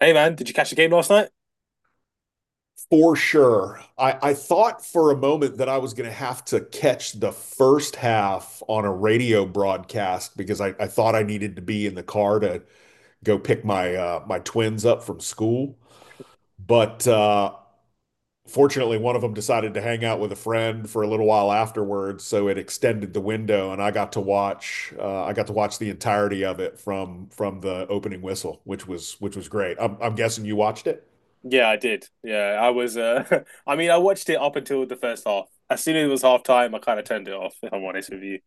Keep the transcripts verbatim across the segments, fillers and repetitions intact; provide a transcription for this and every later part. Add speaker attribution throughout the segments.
Speaker 1: Hey man, did you catch the game last night?
Speaker 2: For sure. I, I thought for a moment that I was going to have to catch the first half on a radio broadcast because I, I thought I needed to be in the car to go pick my uh, my twins up from school. But uh, fortunately, one of them decided to hang out with a friend for a little while afterwards, so it extended the window, and I got to watch uh, I got to watch the entirety of it from from the opening whistle, which was which was great. I'm, I'm guessing you watched it.
Speaker 1: Yeah, I did. Yeah, I was uh I mean I watched it up until the first half. As soon as it was half time, I kind of turned it off, if I'm honest with you.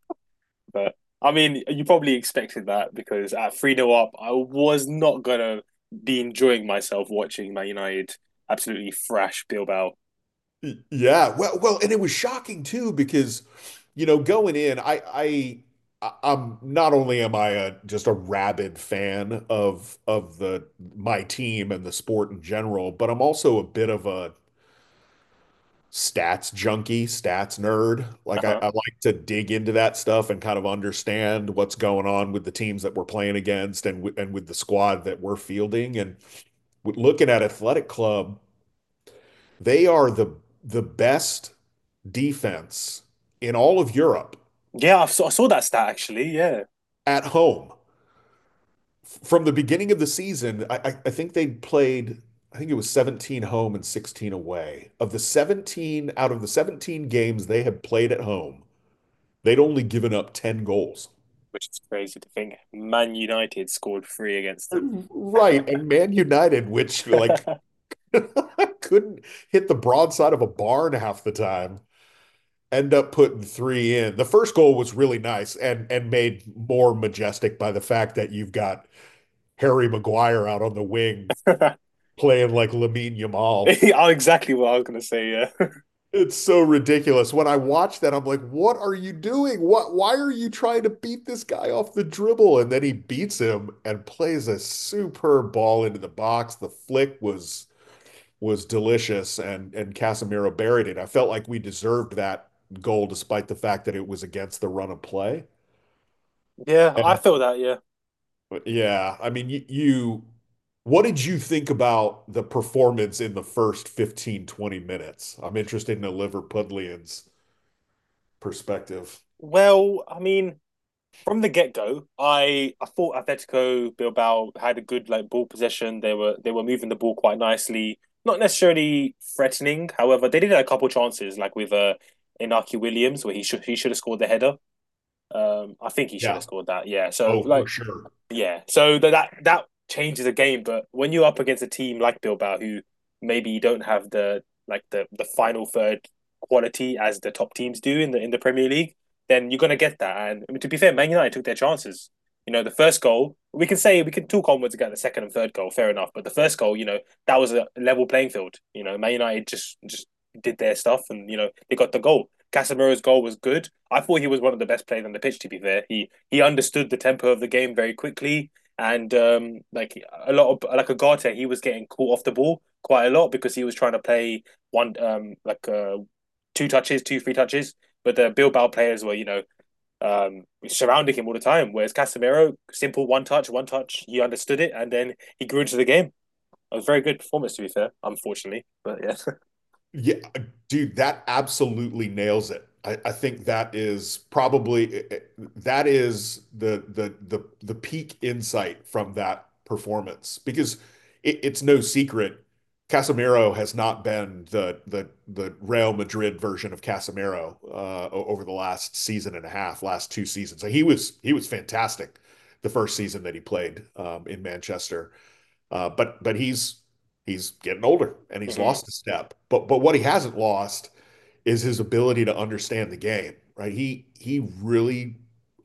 Speaker 1: But I mean, you probably expected that because at 3-0 up, I was not gonna be enjoying myself watching Man United absolutely thrash Bilbao.
Speaker 2: Y- Yeah, well, well, and it was shocking too because, you know, going in, I, I, I- I'm not only am I a just a rabid fan of of the my team and the sport in general, but I'm also a bit of a stats junkie, stats nerd. Like I,
Speaker 1: Uh-huh.
Speaker 2: I like to dig into that stuff and kind of understand what's going on with the teams that we're playing against and w and with the squad that we're fielding. And with looking at Athletic Club, they are the the best. defense in all of Europe
Speaker 1: Yeah, I saw, I saw that stat actually, yeah.
Speaker 2: at home from the beginning of the season. I, I, think they played, I think it was seventeen home and sixteen away. Of the seventeen, out of the seventeen games they had played at home, they'd only given up ten goals.
Speaker 1: Which is crazy to think. Man United scored three against them.
Speaker 2: Right. And Man United, which like couldn't hit the broadside of a barn half the time, end up putting three in. The first goal was really nice and and made more majestic by the fact that you've got Harry Maguire out on the wing playing like Lamine Yamal.
Speaker 1: Exactly what I was gonna say, yeah.
Speaker 2: It's so ridiculous. When I watch that, I'm like, what are you doing? What, why are you trying to beat this guy off the dribble? And then he beats him and plays a superb ball into the box. The flick was was delicious and and Casemiro buried it. I felt like we deserved that goal despite the fact that it was against the run of play.
Speaker 1: Yeah, I feel that, yeah.
Speaker 2: Yeah, I mean, you, you what did you think about the performance in the first fifteen twenty minutes? I'm interested in a Liverpudlian's perspective.
Speaker 1: Well, I mean, from the get-go, I I thought Atletico Bilbao had a good like ball possession. They were they were moving the ball quite nicely, not necessarily threatening. However, they did have a couple chances, like with uh Inaki Williams, where he should he should have scored the header. Um, I think he should have
Speaker 2: Yeah.
Speaker 1: scored that. Yeah. So
Speaker 2: Oh, for
Speaker 1: like,
Speaker 2: sure.
Speaker 1: yeah, so that that, that changes the game. But when you're up against a team like Bilbao, who maybe don't have the like the the final third quality as the top teams do in the in the Premier League, then you're gonna get that. And I mean, to be fair, Man United took their chances. You know, the first goal we can say we can talk onwards about the second and third goal, fair enough. But the first goal, you know, that was a level playing field. You know, Man United just just did their stuff, and you know they got the goal. Casemiro's goal was good. I thought he was one of the best players on the pitch. To be fair, he he understood the tempo of the game very quickly. And um, like a lot of like Agate, he was getting caught off the ball quite a lot because he was trying to play one um like uh, two touches, two three touches. But the Bilbao players were you know um surrounding him all the time. Whereas Casemiro, simple one touch, one touch. He understood it, and then he grew into the game. It was a very good performance, to be fair. Unfortunately, but yeah.
Speaker 2: Yeah, dude, that absolutely nails it. I, I think that is probably eh, eh, that is the the the the peak insight from that performance because it, it's no secret Casemiro has not been the the the Real Madrid version of Casemiro uh, o- over the last season and a half, last two seasons. So he was he was fantastic the first season that he played um, in Manchester. Uh, but but he's he's getting older and he's lost a step. But but what he hasn't lost is his ability to understand the game, right? He he really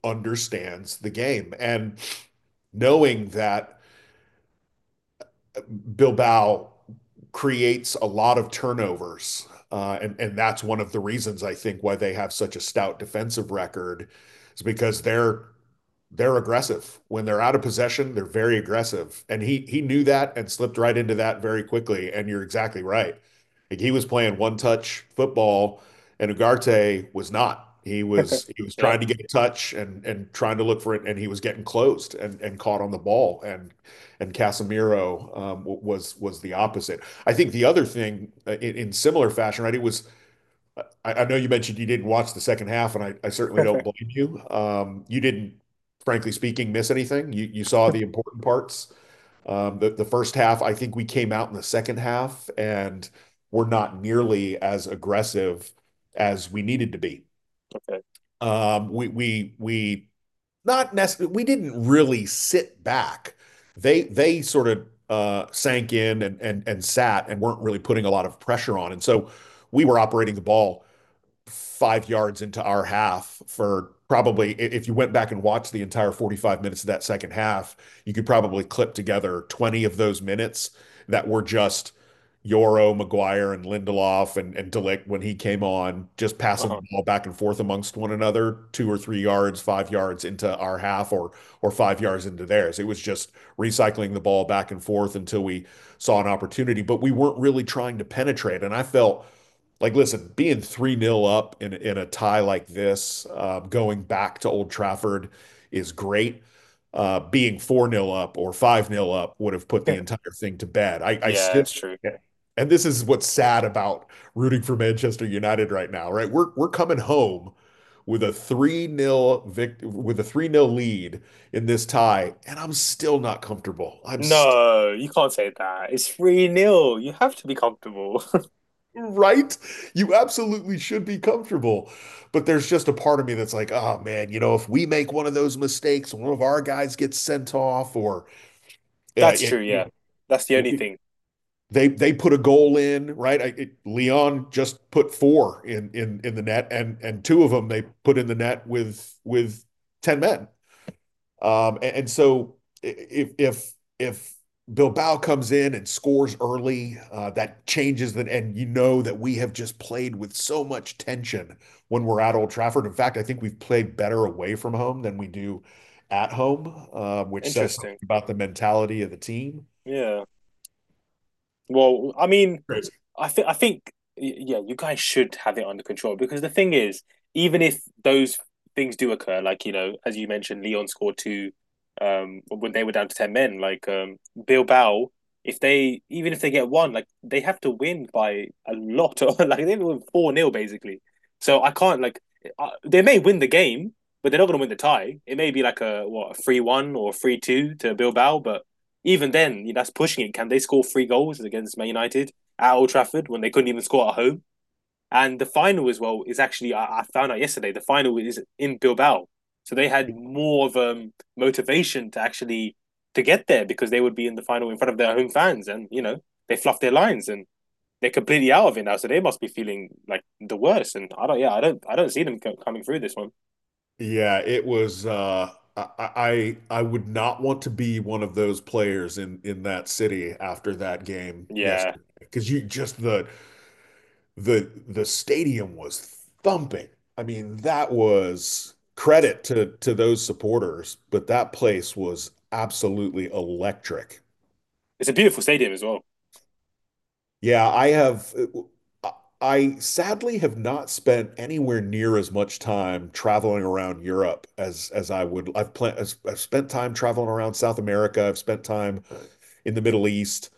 Speaker 2: understands the game and knowing that Bilbao creates a lot of turnovers. Uh, and, and that's one of the reasons I think why they have such a stout defensive record is because they're they're aggressive. When they're out of possession, they're very aggressive. And he he knew that and slipped right into that very quickly. And you're exactly right. Like he was playing one touch football and Ugarte was not. He
Speaker 1: Mhm.
Speaker 2: was he was
Speaker 1: Yeah.
Speaker 2: trying to get a touch and and trying to look for it and he was getting closed and and caught on the ball and and Casemiro um, was was the opposite. I think the other thing uh, in, in similar fashion, right? It was I, I know you mentioned you didn't watch the second half, and I, I certainly don't blame you. Um, you didn't, frankly speaking, miss anything. You, you saw the important parts. Um, the, the first half, I think we came out in the second half and were not nearly as aggressive as we needed to be.
Speaker 1: Okay.
Speaker 2: Um, we we we not necessarily we didn't really sit back. They they sort of uh, sank in and and and sat and weren't really putting a lot of pressure on, and so we were operating the ball five yards into our half for probably, if you went back and watched the entire forty-five minutes of that second half, you could probably clip together twenty of those minutes that were just Yoro, McGuire, and Lindelof and, and Delict when he came on, just passing the
Speaker 1: Uh-huh.
Speaker 2: ball back and forth amongst one another, two or three yards, five yards into our half or or five yards into theirs. It was just recycling the ball back and forth until we saw an opportunity, but we weren't really trying to penetrate. And I felt like, listen, being three nil up in, in a tie like this, uh, going back to Old Trafford is great. Uh, being four nil up or five nil up would have put the
Speaker 1: Yeah,
Speaker 2: entire thing to bed. I, I
Speaker 1: yeah,
Speaker 2: still,
Speaker 1: it's true.
Speaker 2: and this is what's sad about rooting for Manchester United right now, right? We're, we're coming home with a three nil vict with a three nil lead in this tie, and I'm still not comfortable. I'm still
Speaker 1: No, you can't say that. It's three nil. You have to be comfortable.
Speaker 2: right? You absolutely should be comfortable. But there's just a part of me that's like, oh man, you know, if we make one of those mistakes, one of our guys gets sent off, or uh,
Speaker 1: That's
Speaker 2: it,
Speaker 1: true,
Speaker 2: you
Speaker 1: yeah. That's the
Speaker 2: know,
Speaker 1: only thing.
Speaker 2: they they put a goal in, right? I, it, Leon just put four in in in the net, and and two of them they put in the net with with ten men. Um, and, and so if if if Bilbao comes in and scores early, uh, that changes that, and you know that we have just played with so much tension when we're at Old Trafford. In fact, I think we've played better away from home than we do at home, uh, which says
Speaker 1: Interesting.
Speaker 2: something about the mentality of the team.
Speaker 1: Yeah. Well, I mean, I think I think yeah, you guys should have it under control because the thing is, even if those things do occur, like you know, as you mentioned, Leon scored two um when they were down to ten men, like um Bilbao, if they even if they get one, like they have to win by a lot of, like they win four nil basically. So I can't like I, they may win the game, but they're not going to win the tie. It may be like a what a three one or three two to Bilbao, but even then, you know, that's pushing it. Can they score three goals against Man United at Old Trafford when they couldn't even score at home? And the final as well is actually, I, I found out yesterday, the final is in Bilbao, so they had more of um motivation to actually to get there because they would be in the final in front of their home fans, and you know they fluffed their lines and they're completely out of it now, so they must be feeling like the worst. And I don't, yeah, I don't, I don't see them co- coming through this one.
Speaker 2: Yeah, it was. Uh, I, I I would not want to be one of those players in in that city after that game
Speaker 1: Yeah,
Speaker 2: yesterday because you just the the the stadium was thumping. I mean, that was credit to to those supporters, but that place was absolutely electric.
Speaker 1: it's a beautiful stadium as well.
Speaker 2: Yeah, I have uh, I sadly have not spent anywhere near as much time traveling around Europe as as I would. I've planned. I've spent time traveling around South America. I've spent time in the Middle East.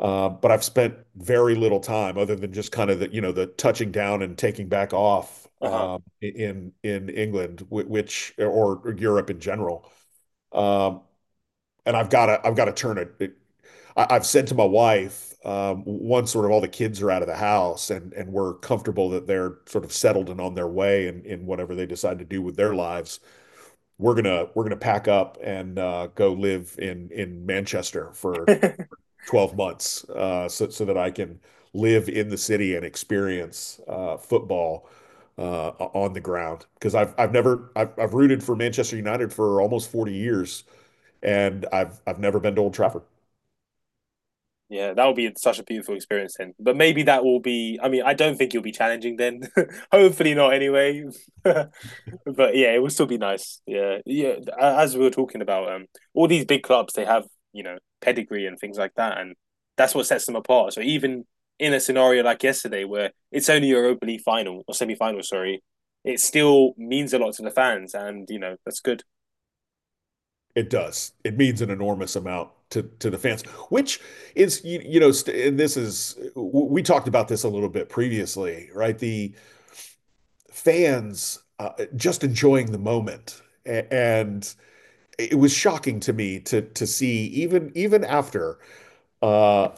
Speaker 2: Uh, But I've spent very little time other than just kind of the, you know, the touching down and taking back off
Speaker 1: Uh huh.
Speaker 2: um, in in England, which or or Europe in general. Um, And I've gotta I've got to turn it. it I've said to my wife, um, once sort of all the kids are out of the house and and we're comfortable that they're sort of settled and on their way and in whatever they decide to do with their lives, we're gonna we're gonna pack up and uh, go live in in Manchester for twelve months uh, so, so that I can live in the city and experience uh, football uh, on the ground. Because I've, I've never, I've, I've rooted for Manchester United for almost forty years and I've, I've never been to Old Trafford.
Speaker 1: Yeah, that would be such a beautiful experience then. But maybe that will be. I mean, I don't think you'll be challenging then. Hopefully not. Anyway, but but yeah, it would still be nice. Yeah, yeah. As we were talking about, um, all these big clubs they have you know pedigree and things like that, and that's what sets them apart. So even in a scenario like yesterday, where it's only Europa League final, or semi final, sorry, it still means a lot to the fans, and you know that's good.
Speaker 2: It does. It means an enormous amount to, to the fans, which is, you, you know, st and this is, we talked about this a little bit previously, right? The fans uh, just enjoying the moment. And it was shocking to me to to see even even after uh,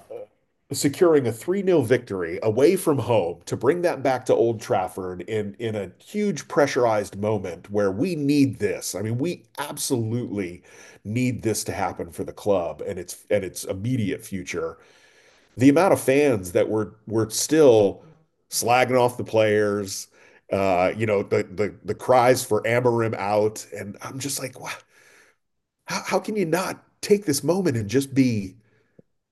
Speaker 2: securing a three nil victory away from home to bring that back to Old Trafford in in a huge pressurized moment where we need this. I mean, we absolutely need this to happen for the club and its and its immediate future. The amount of fans that were were still slagging off the players, uh, you know, the the the cries for Amarim out, and I'm just like, wow, how, how can you not take this moment and just be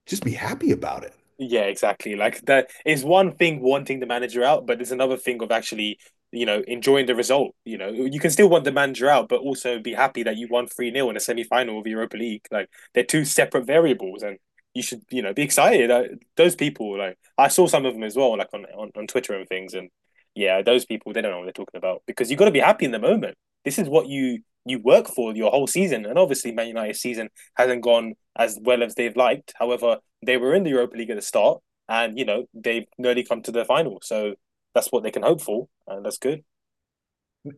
Speaker 2: just be happy about it?
Speaker 1: Yeah, exactly. Like that is one thing wanting the manager out, but it's another thing of actually, you know, enjoying the result. You know, you can still want the manager out, but also be happy that you won three nil in a semi-final of the Europa League. Like they're two separate variables, and you should, you know, be excited. I, those people, like I saw some of them as well, like on, on, on Twitter and things. And yeah, those people, they don't know what they're talking about because you've got to be happy in the moment. This is what you you work for your whole season. And obviously Man United's season hasn't gone as well as they've liked. However, they were in the Europa League at the start, and you know they've nearly come to the final, so that's what they can hope for, and that's good.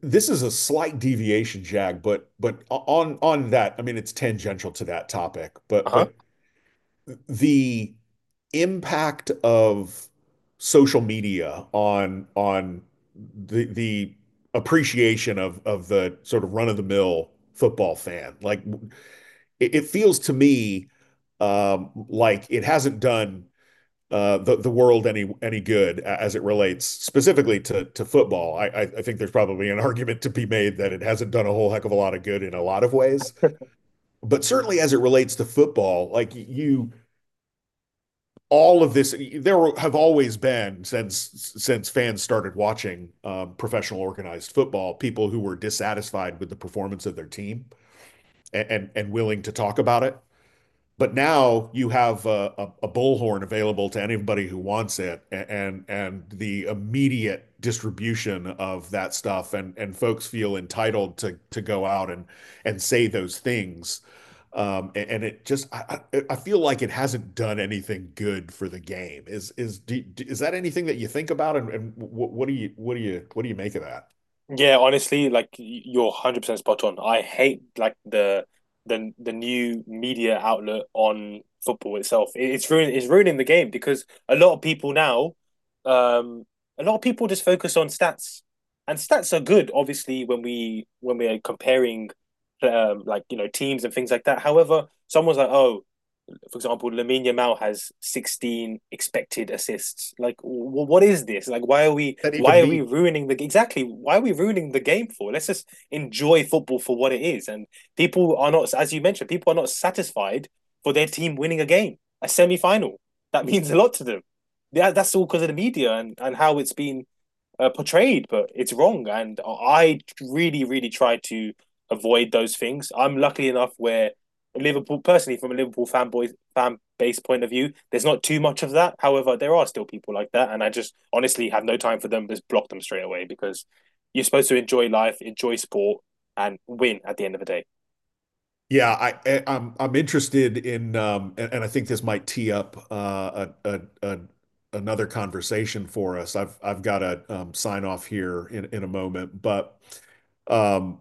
Speaker 2: This is a slight deviation, Jag, but but on on that, I mean it's tangential to that topic,
Speaker 1: Uh
Speaker 2: but
Speaker 1: huh.
Speaker 2: but the impact of social media on on the the appreciation of of the sort of run of the mill football fan. Like it it feels to me um, like it hasn't done uh, the the world any any good as it relates specifically to to football. I I think there's probably an argument to be made that it hasn't done a whole heck of a lot of good in a lot of ways. But certainly as it relates to football, like you, all of this, there have always been, since since fans started watching um, professional organized football, people who were dissatisfied with the performance of their team and and and willing to talk about it. But now you have a, a, a bullhorn available to anybody who wants it, and and the immediate distribution of that stuff, and and folks feel entitled to to go out and and say those things. Um, a- and it just I, I feel like it hasn't done anything good for the game. Is is do- is that anything that you think about, and, and what, what do you what do you what do you make of that?
Speaker 1: Yeah, honestly, like you're one hundred percent spot on. I hate like the the the new media outlet on football itself. It, it's ruining it's ruining the game because a lot of people now, um, a lot of people just focus on stats, and stats are good, obviously, when we when we are comparing, um, like you know teams and things like that. However, someone's like, oh, for example, Lamine Yamal has sixteen expected assists. Like, w- what is this? Like, why are we
Speaker 2: Does that
Speaker 1: why
Speaker 2: even
Speaker 1: are we
Speaker 2: mean?
Speaker 1: ruining the exactly? Why are we ruining the game for? Let's just enjoy football for what it is. And people are not, as you mentioned, people are not satisfied for their team winning a game, a semi final. That means a lot to them. Yeah, that's all because of the media and and how it's been, uh, portrayed, but it's wrong. And I really, really try to avoid those things. I'm lucky enough where Liverpool, personally, from a Liverpool fanboy fan base point of view, there's not too much of that. However, there are still people like that, and I just honestly have no time for them. Just block them straight away because you're supposed to enjoy life, enjoy sport, and win at the end of the day.
Speaker 2: Yeah, I, I am I'm I'm interested in um and, and I think this might tee up uh a, a, a another conversation for us. I've I've got to um, sign off here in in a moment, but um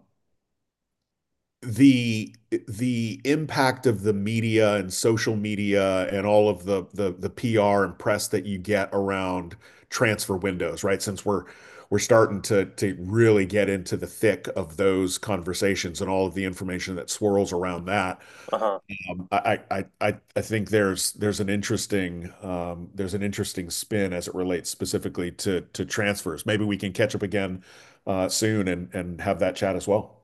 Speaker 2: the the impact of the media and social media and all of the the the P R and press that you get around transfer windows, right? Since we're we're starting to to really get into the thick of those conversations and all of the information that swirls around that
Speaker 1: Uh huh.
Speaker 2: um, I I I I think there's there's an interesting um, there's an interesting spin as it relates specifically to to transfers. Maybe we can catch up again uh, soon and and have that chat as well.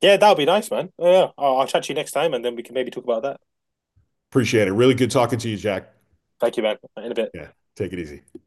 Speaker 1: Yeah, that'll be nice, man. Yeah, I'll, I'll chat to you next time, and then we can maybe talk about that.
Speaker 2: Appreciate it. Really good talking to you, Jack.
Speaker 1: Thank you, man. In a bit.
Speaker 2: Yeah, take it easy.